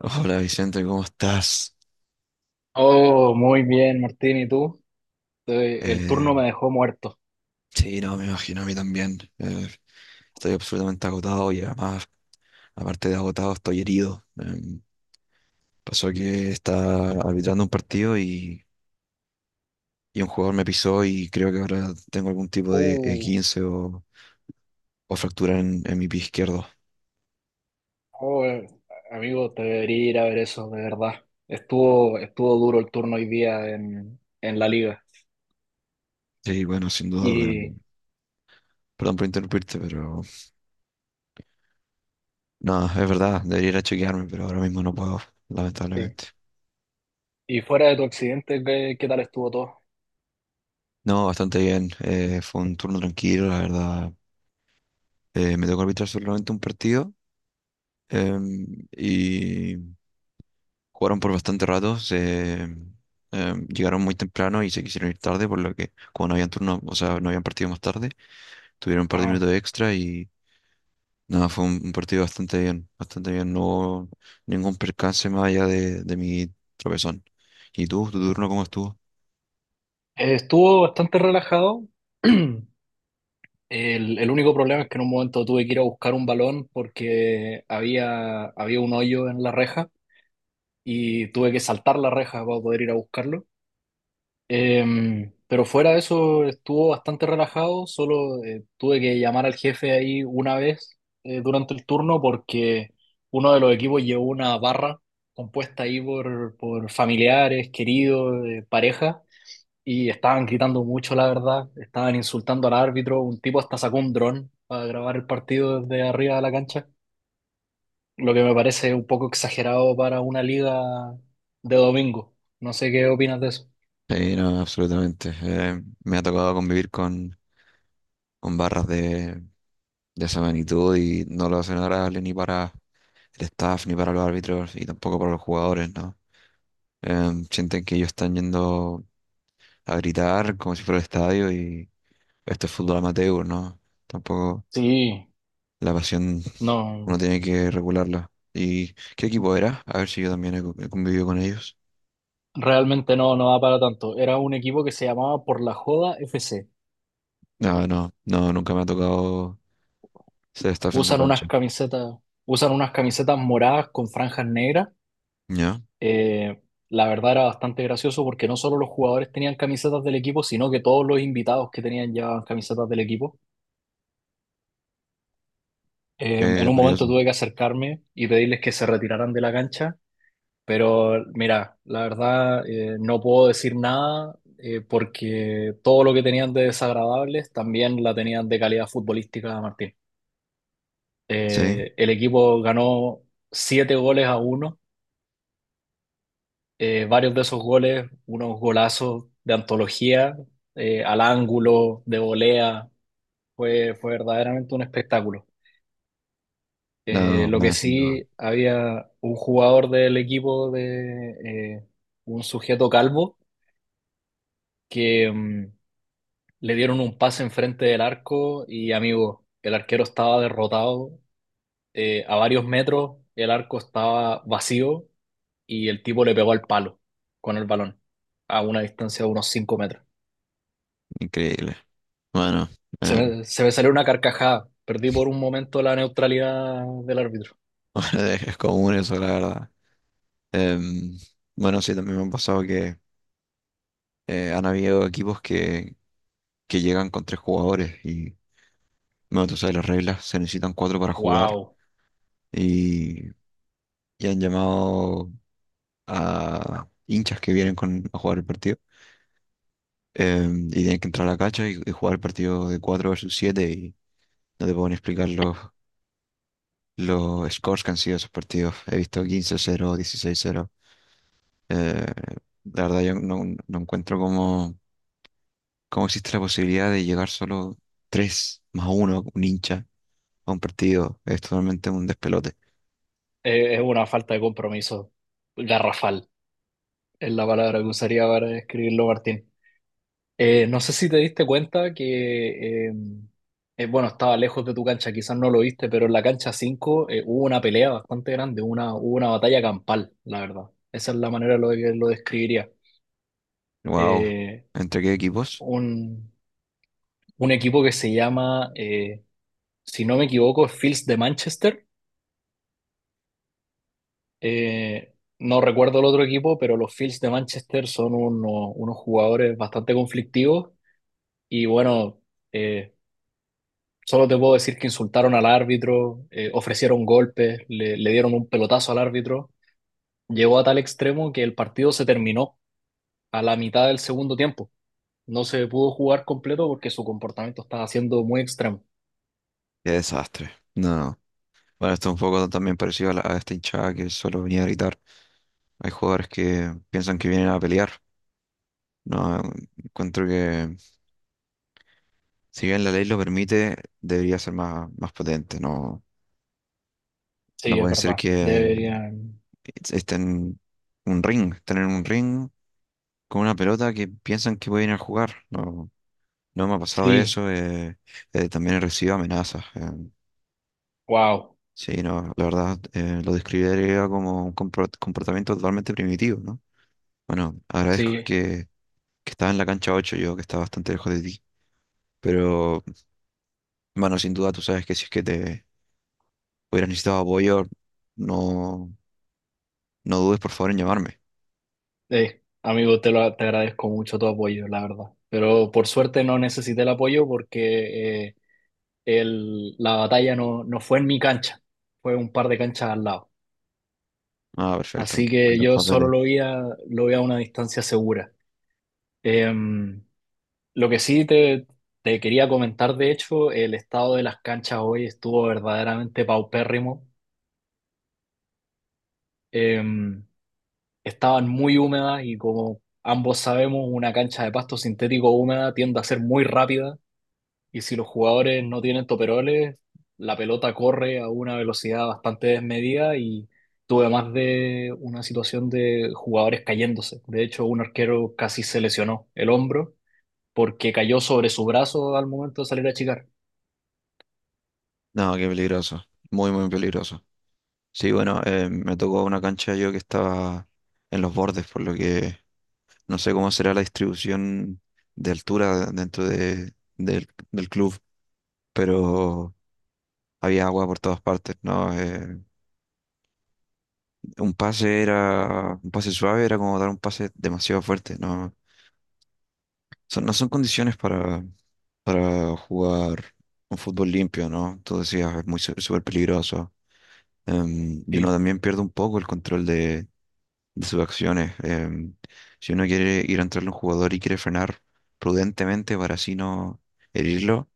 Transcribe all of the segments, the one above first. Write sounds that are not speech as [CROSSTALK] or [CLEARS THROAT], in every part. Hola Vicente, ¿cómo estás? Oh, muy bien, Martín, ¿y tú? El Eh, turno me dejó muerto. sí, no, me imagino a mí también. Estoy absolutamente agotado y además, aparte de agotado, estoy herido. Pasó que estaba arbitrando un partido y un jugador me pisó y creo que ahora tengo algún tipo de Uh, E15 o fractura en mi pie izquierdo. oh, amigo, te debería ir a ver eso, de verdad. Estuvo duro el turno hoy día en la liga. Sí, bueno, sin duda, pero Y, perdón por interrumpirte, pero no, es verdad, debería ir a chequearme, pero ahora mismo no puedo, Sí. lamentablemente. Y fuera de tu accidente, ¿qué tal estuvo todo? No, bastante bien. Fue un turno tranquilo, la verdad. Me tocó arbitrar solamente un partido y jugaron por bastante rato. Llegaron muy temprano y se quisieron ir tarde, por lo que como no habían turno, o sea, no habían partido más tarde, tuvieron un par de Ah, minutos extra y nada, fue un partido bastante bien, bastante bien. No hubo ningún percance más allá de mi tropezón. ¿Y tú, tu turno cómo estuvo? eh, estuvo bastante relajado. [CLEARS THROAT] El único problema es que en un momento tuve que ir a buscar un balón porque había un hoyo en la reja, y tuve que saltar la reja para poder ir a buscarlo. Pero fuera de eso estuvo bastante relajado. Solo tuve que llamar al jefe ahí una vez durante el turno, porque uno de los equipos llevó una barra compuesta ahí por familiares, queridos, pareja, y estaban gritando mucho, la verdad. Estaban insultando al árbitro. Un tipo hasta sacó un dron para grabar el partido desde arriba de la cancha, lo que me parece un poco exagerado para una liga de domingo. No sé qué opinas de eso. Sí, no, absolutamente. Me ha tocado convivir con barras de esa magnitud y no lo hacen agradable ni para el staff, ni para los árbitros y tampoco para los jugadores, ¿no? Sienten que ellos están yendo a gritar como si fuera el estadio y esto es fútbol amateur, ¿no? Tampoco Sí, la pasión uno no. tiene que regularla. ¿Y qué equipo era? A ver si yo también he convivido con ellos. Realmente no, no va para tanto. Era un equipo que se llamaba Por la Joda FC. No, no, no, nunca me ha tocado ser staff en su Usan unas cancha. camisetas, usan unas camisetas moradas con franjas negras. ¿Ya? Eh, la verdad era bastante gracioso, porque no solo los jugadores tenían camisetas del equipo, sino que todos los invitados que tenían llevaban camisetas del equipo. En un momento Curioso. tuve que acercarme y pedirles que se retiraran de la cancha, pero mira, la verdad, no puedo decir nada, porque todo lo que tenían de desagradables también la tenían de calidad futbolística, Martín. Sí. El equipo ganó siete goles a uno. Varios de esos goles, unos golazos de antología, al ángulo, de volea. Fue verdaderamente un espectáculo. No, Lo que bueno, sin duda. sí, había un jugador del equipo, de un sujeto calvo, que, le dieron un pase enfrente del arco y, amigo, el arquero estaba derrotado a varios metros, el arco estaba vacío, y el tipo le pegó al palo con el balón a una distancia de unos 5 metros. Increíble. Bueno, Se eh, [LAUGHS] me, se me salió una carcajada. Perdí por un momento la neutralidad del árbitro. bueno, es común eso, la verdad. Em, bueno, sí, también me han pasado que han habido equipos que llegan con tres jugadores y, bueno, tú sabes, las reglas se necesitan cuatro para jugar ¡Wow! y, y han llamado a hinchas que vienen con, a jugar el partido y tienen que entrar a la cancha y jugar el partido de cuatro versus siete y no te pueden explicar los scores que han sido esos partidos. He visto quince cero dieciséis cero. Eh, la verdad, yo no, no encuentro cómo, cómo existe la posibilidad de llegar solo tres más uno, un hincha, a un partido. Es totalmente un despelote. Es una falta de compromiso garrafal, es la palabra que usaría para describirlo, Martín. No sé si te diste cuenta que, bueno, estaba lejos de tu cancha, quizás no lo viste, pero en la cancha 5 hubo una pelea bastante grande, hubo una batalla campal, la verdad. Esa es la manera lo que lo describiría. Wow. Eh, ¿Entre qué equipos? un, un equipo que se llama, si no me equivoco, Fields de Manchester. Eh, no recuerdo el otro equipo, pero los Fields de Manchester son unos jugadores bastante conflictivos y bueno. eh, Solo te puedo decir que insultaron al árbitro, ofrecieron golpes, le dieron un pelotazo al árbitro. Llegó a tal extremo que el partido se terminó a la mitad del segundo tiempo. No se pudo jugar completo porque su comportamiento estaba siendo muy extremo. Qué desastre. No, no. Bueno, esto es un poco también parecido a a esta hinchada que solo venía a gritar. Hay jugadores que piensan que vienen a pelear. No, encuentro que si bien la ley lo permite, debería ser más, más potente. No, no Sí, es puede ser verdad. que Deberían. Está en un ring, están en un ring con una pelota que piensan que pueden ir a jugar. No, no me ha pasado de Sí, eso. También he recibido amenazas. Wow. Sí, no, la verdad lo describiría como un comportamiento totalmente primitivo, ¿no? Bueno, agradezco Sí, que estaba en la cancha 8, yo, que estaba bastante lejos de ti. Pero, bueno, sin duda tú sabes que si es que te hubieras necesitado apoyo, no, no dudes por favor en llamarme. Amigo, te agradezco mucho tu apoyo, la verdad. Pero por suerte no necesité el apoyo, porque la batalla no, no fue en mi cancha, fue un par de canchas al lado. Ah, perfecto. Así que Otros yo solo papeles. Lo vi a una distancia segura. Eh, lo que sí te quería comentar, de hecho, el estado de las canchas hoy estuvo verdaderamente paupérrimo. Eh, Estaban muy húmedas y, como ambos sabemos, una cancha de pasto sintético húmeda tiende a ser muy rápida. Y si los jugadores no tienen toperoles, la pelota corre a una velocidad bastante desmedida, y tuve más de una situación de jugadores cayéndose. De hecho, un arquero casi se lesionó el hombro porque cayó sobre su brazo al momento de salir a achicar. No, qué peligroso. Muy, muy peligroso. Sí, bueno, me tocó una cancha yo que estaba en los bordes, por lo que no sé cómo será la distribución de altura dentro del club, pero había agua por todas partes, ¿no? Un pase era, un pase suave era como dar un pase demasiado fuerte, ¿no? No son condiciones para jugar un fútbol limpio, ¿no? Tú decías, es muy súper peligroso. Y uno Sí. también pierde un poco el control de sus acciones. Si uno quiere ir a entrarle a un jugador y quiere frenar prudentemente para así no herirlo,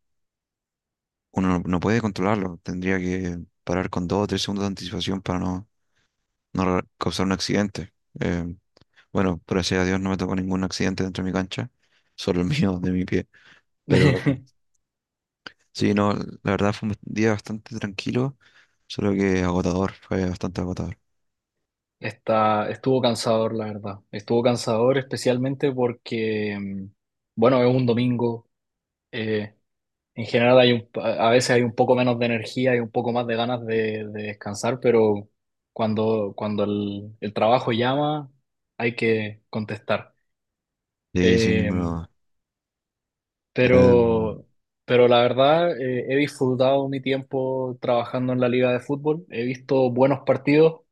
uno no, no puede controlarlo. Tendría que parar con dos o tres segundos de anticipación para no, causar un accidente. Eh, bueno, gracias a Dios no me tocó ningún accidente dentro de mi cancha, solo el [LAUGHS] mío, de mi pie. Pero [LAUGHS] sí, no, la verdad fue un día bastante tranquilo, solo que agotador, fue bastante agotador. Estuvo cansador, la verdad. Estuvo cansador, especialmente porque, bueno, es un domingo. eh, En general a veces hay un poco menos de energía y un poco más de ganas de descansar, pero cuando el trabajo llama, hay que contestar. Sí, sin ninguna Eh, duda. Em, pero, pero la verdad, he disfrutado mi tiempo trabajando en la liga de fútbol, he visto buenos partidos.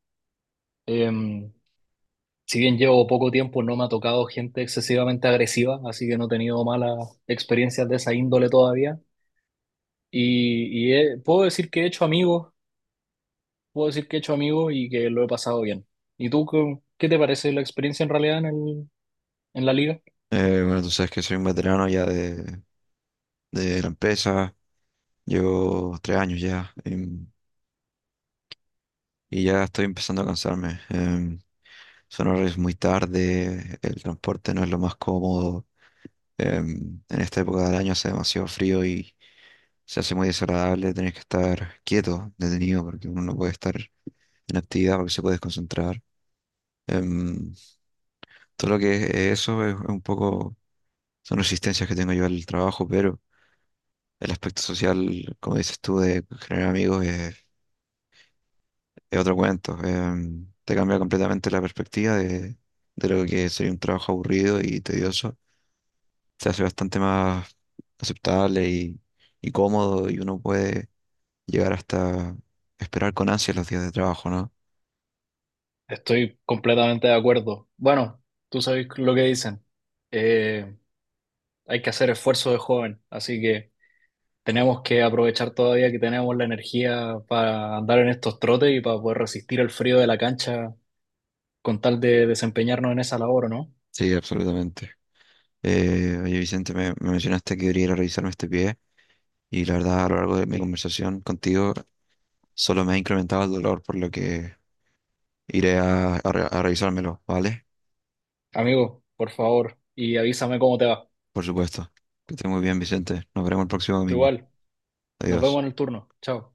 Eh, si bien llevo poco tiempo, no me ha tocado gente excesivamente agresiva, así que no he tenido malas experiencias de esa índole todavía. Y puedo decir que he hecho amigos, puedo decir que he hecho amigos y que lo he pasado bien. ¿Y tú, qué te parece la experiencia en realidad en la liga? Bueno, tú sabes que soy un veterano ya de la empresa, llevo 3 años ya y ya estoy empezando a cansarme. Son horarios muy tarde, el transporte no es lo más cómodo. En esta época del año hace demasiado frío y se hace muy desagradable tener que estar quieto, detenido, porque uno no puede estar en actividad porque se puede desconcentrar. Em, Todo lo que es eso es un poco, son resistencias que tengo yo al trabajo, pero el aspecto social, como dices tú, de generar amigos es otro cuento. Te cambia completamente la perspectiva de lo que sería un trabajo aburrido y tedioso. Se hace bastante más aceptable y cómodo y uno puede llegar hasta esperar con ansia los días de trabajo, ¿no? Estoy completamente de acuerdo. Bueno, tú sabes lo que dicen. Eh, Hay que hacer esfuerzo de joven, así que tenemos que aprovechar todavía que tenemos la energía para andar en estos trotes y para poder resistir el frío de la cancha con tal de desempeñarnos en esa labor, ¿o no? Sí, absolutamente. Oye, Vicente, me mencionaste que debería ir a revisarme este pie y la verdad a lo largo de mi Sí. conversación contigo solo me ha incrementado el dolor, por lo que iré a, a revisármelo, ¿vale? Amigo, por favor, y avísame cómo te va. Por supuesto. Que esté muy bien, Vicente. Nos veremos el próximo Tú domingo. igual. Nos vemos Adiós. en el turno. Chao.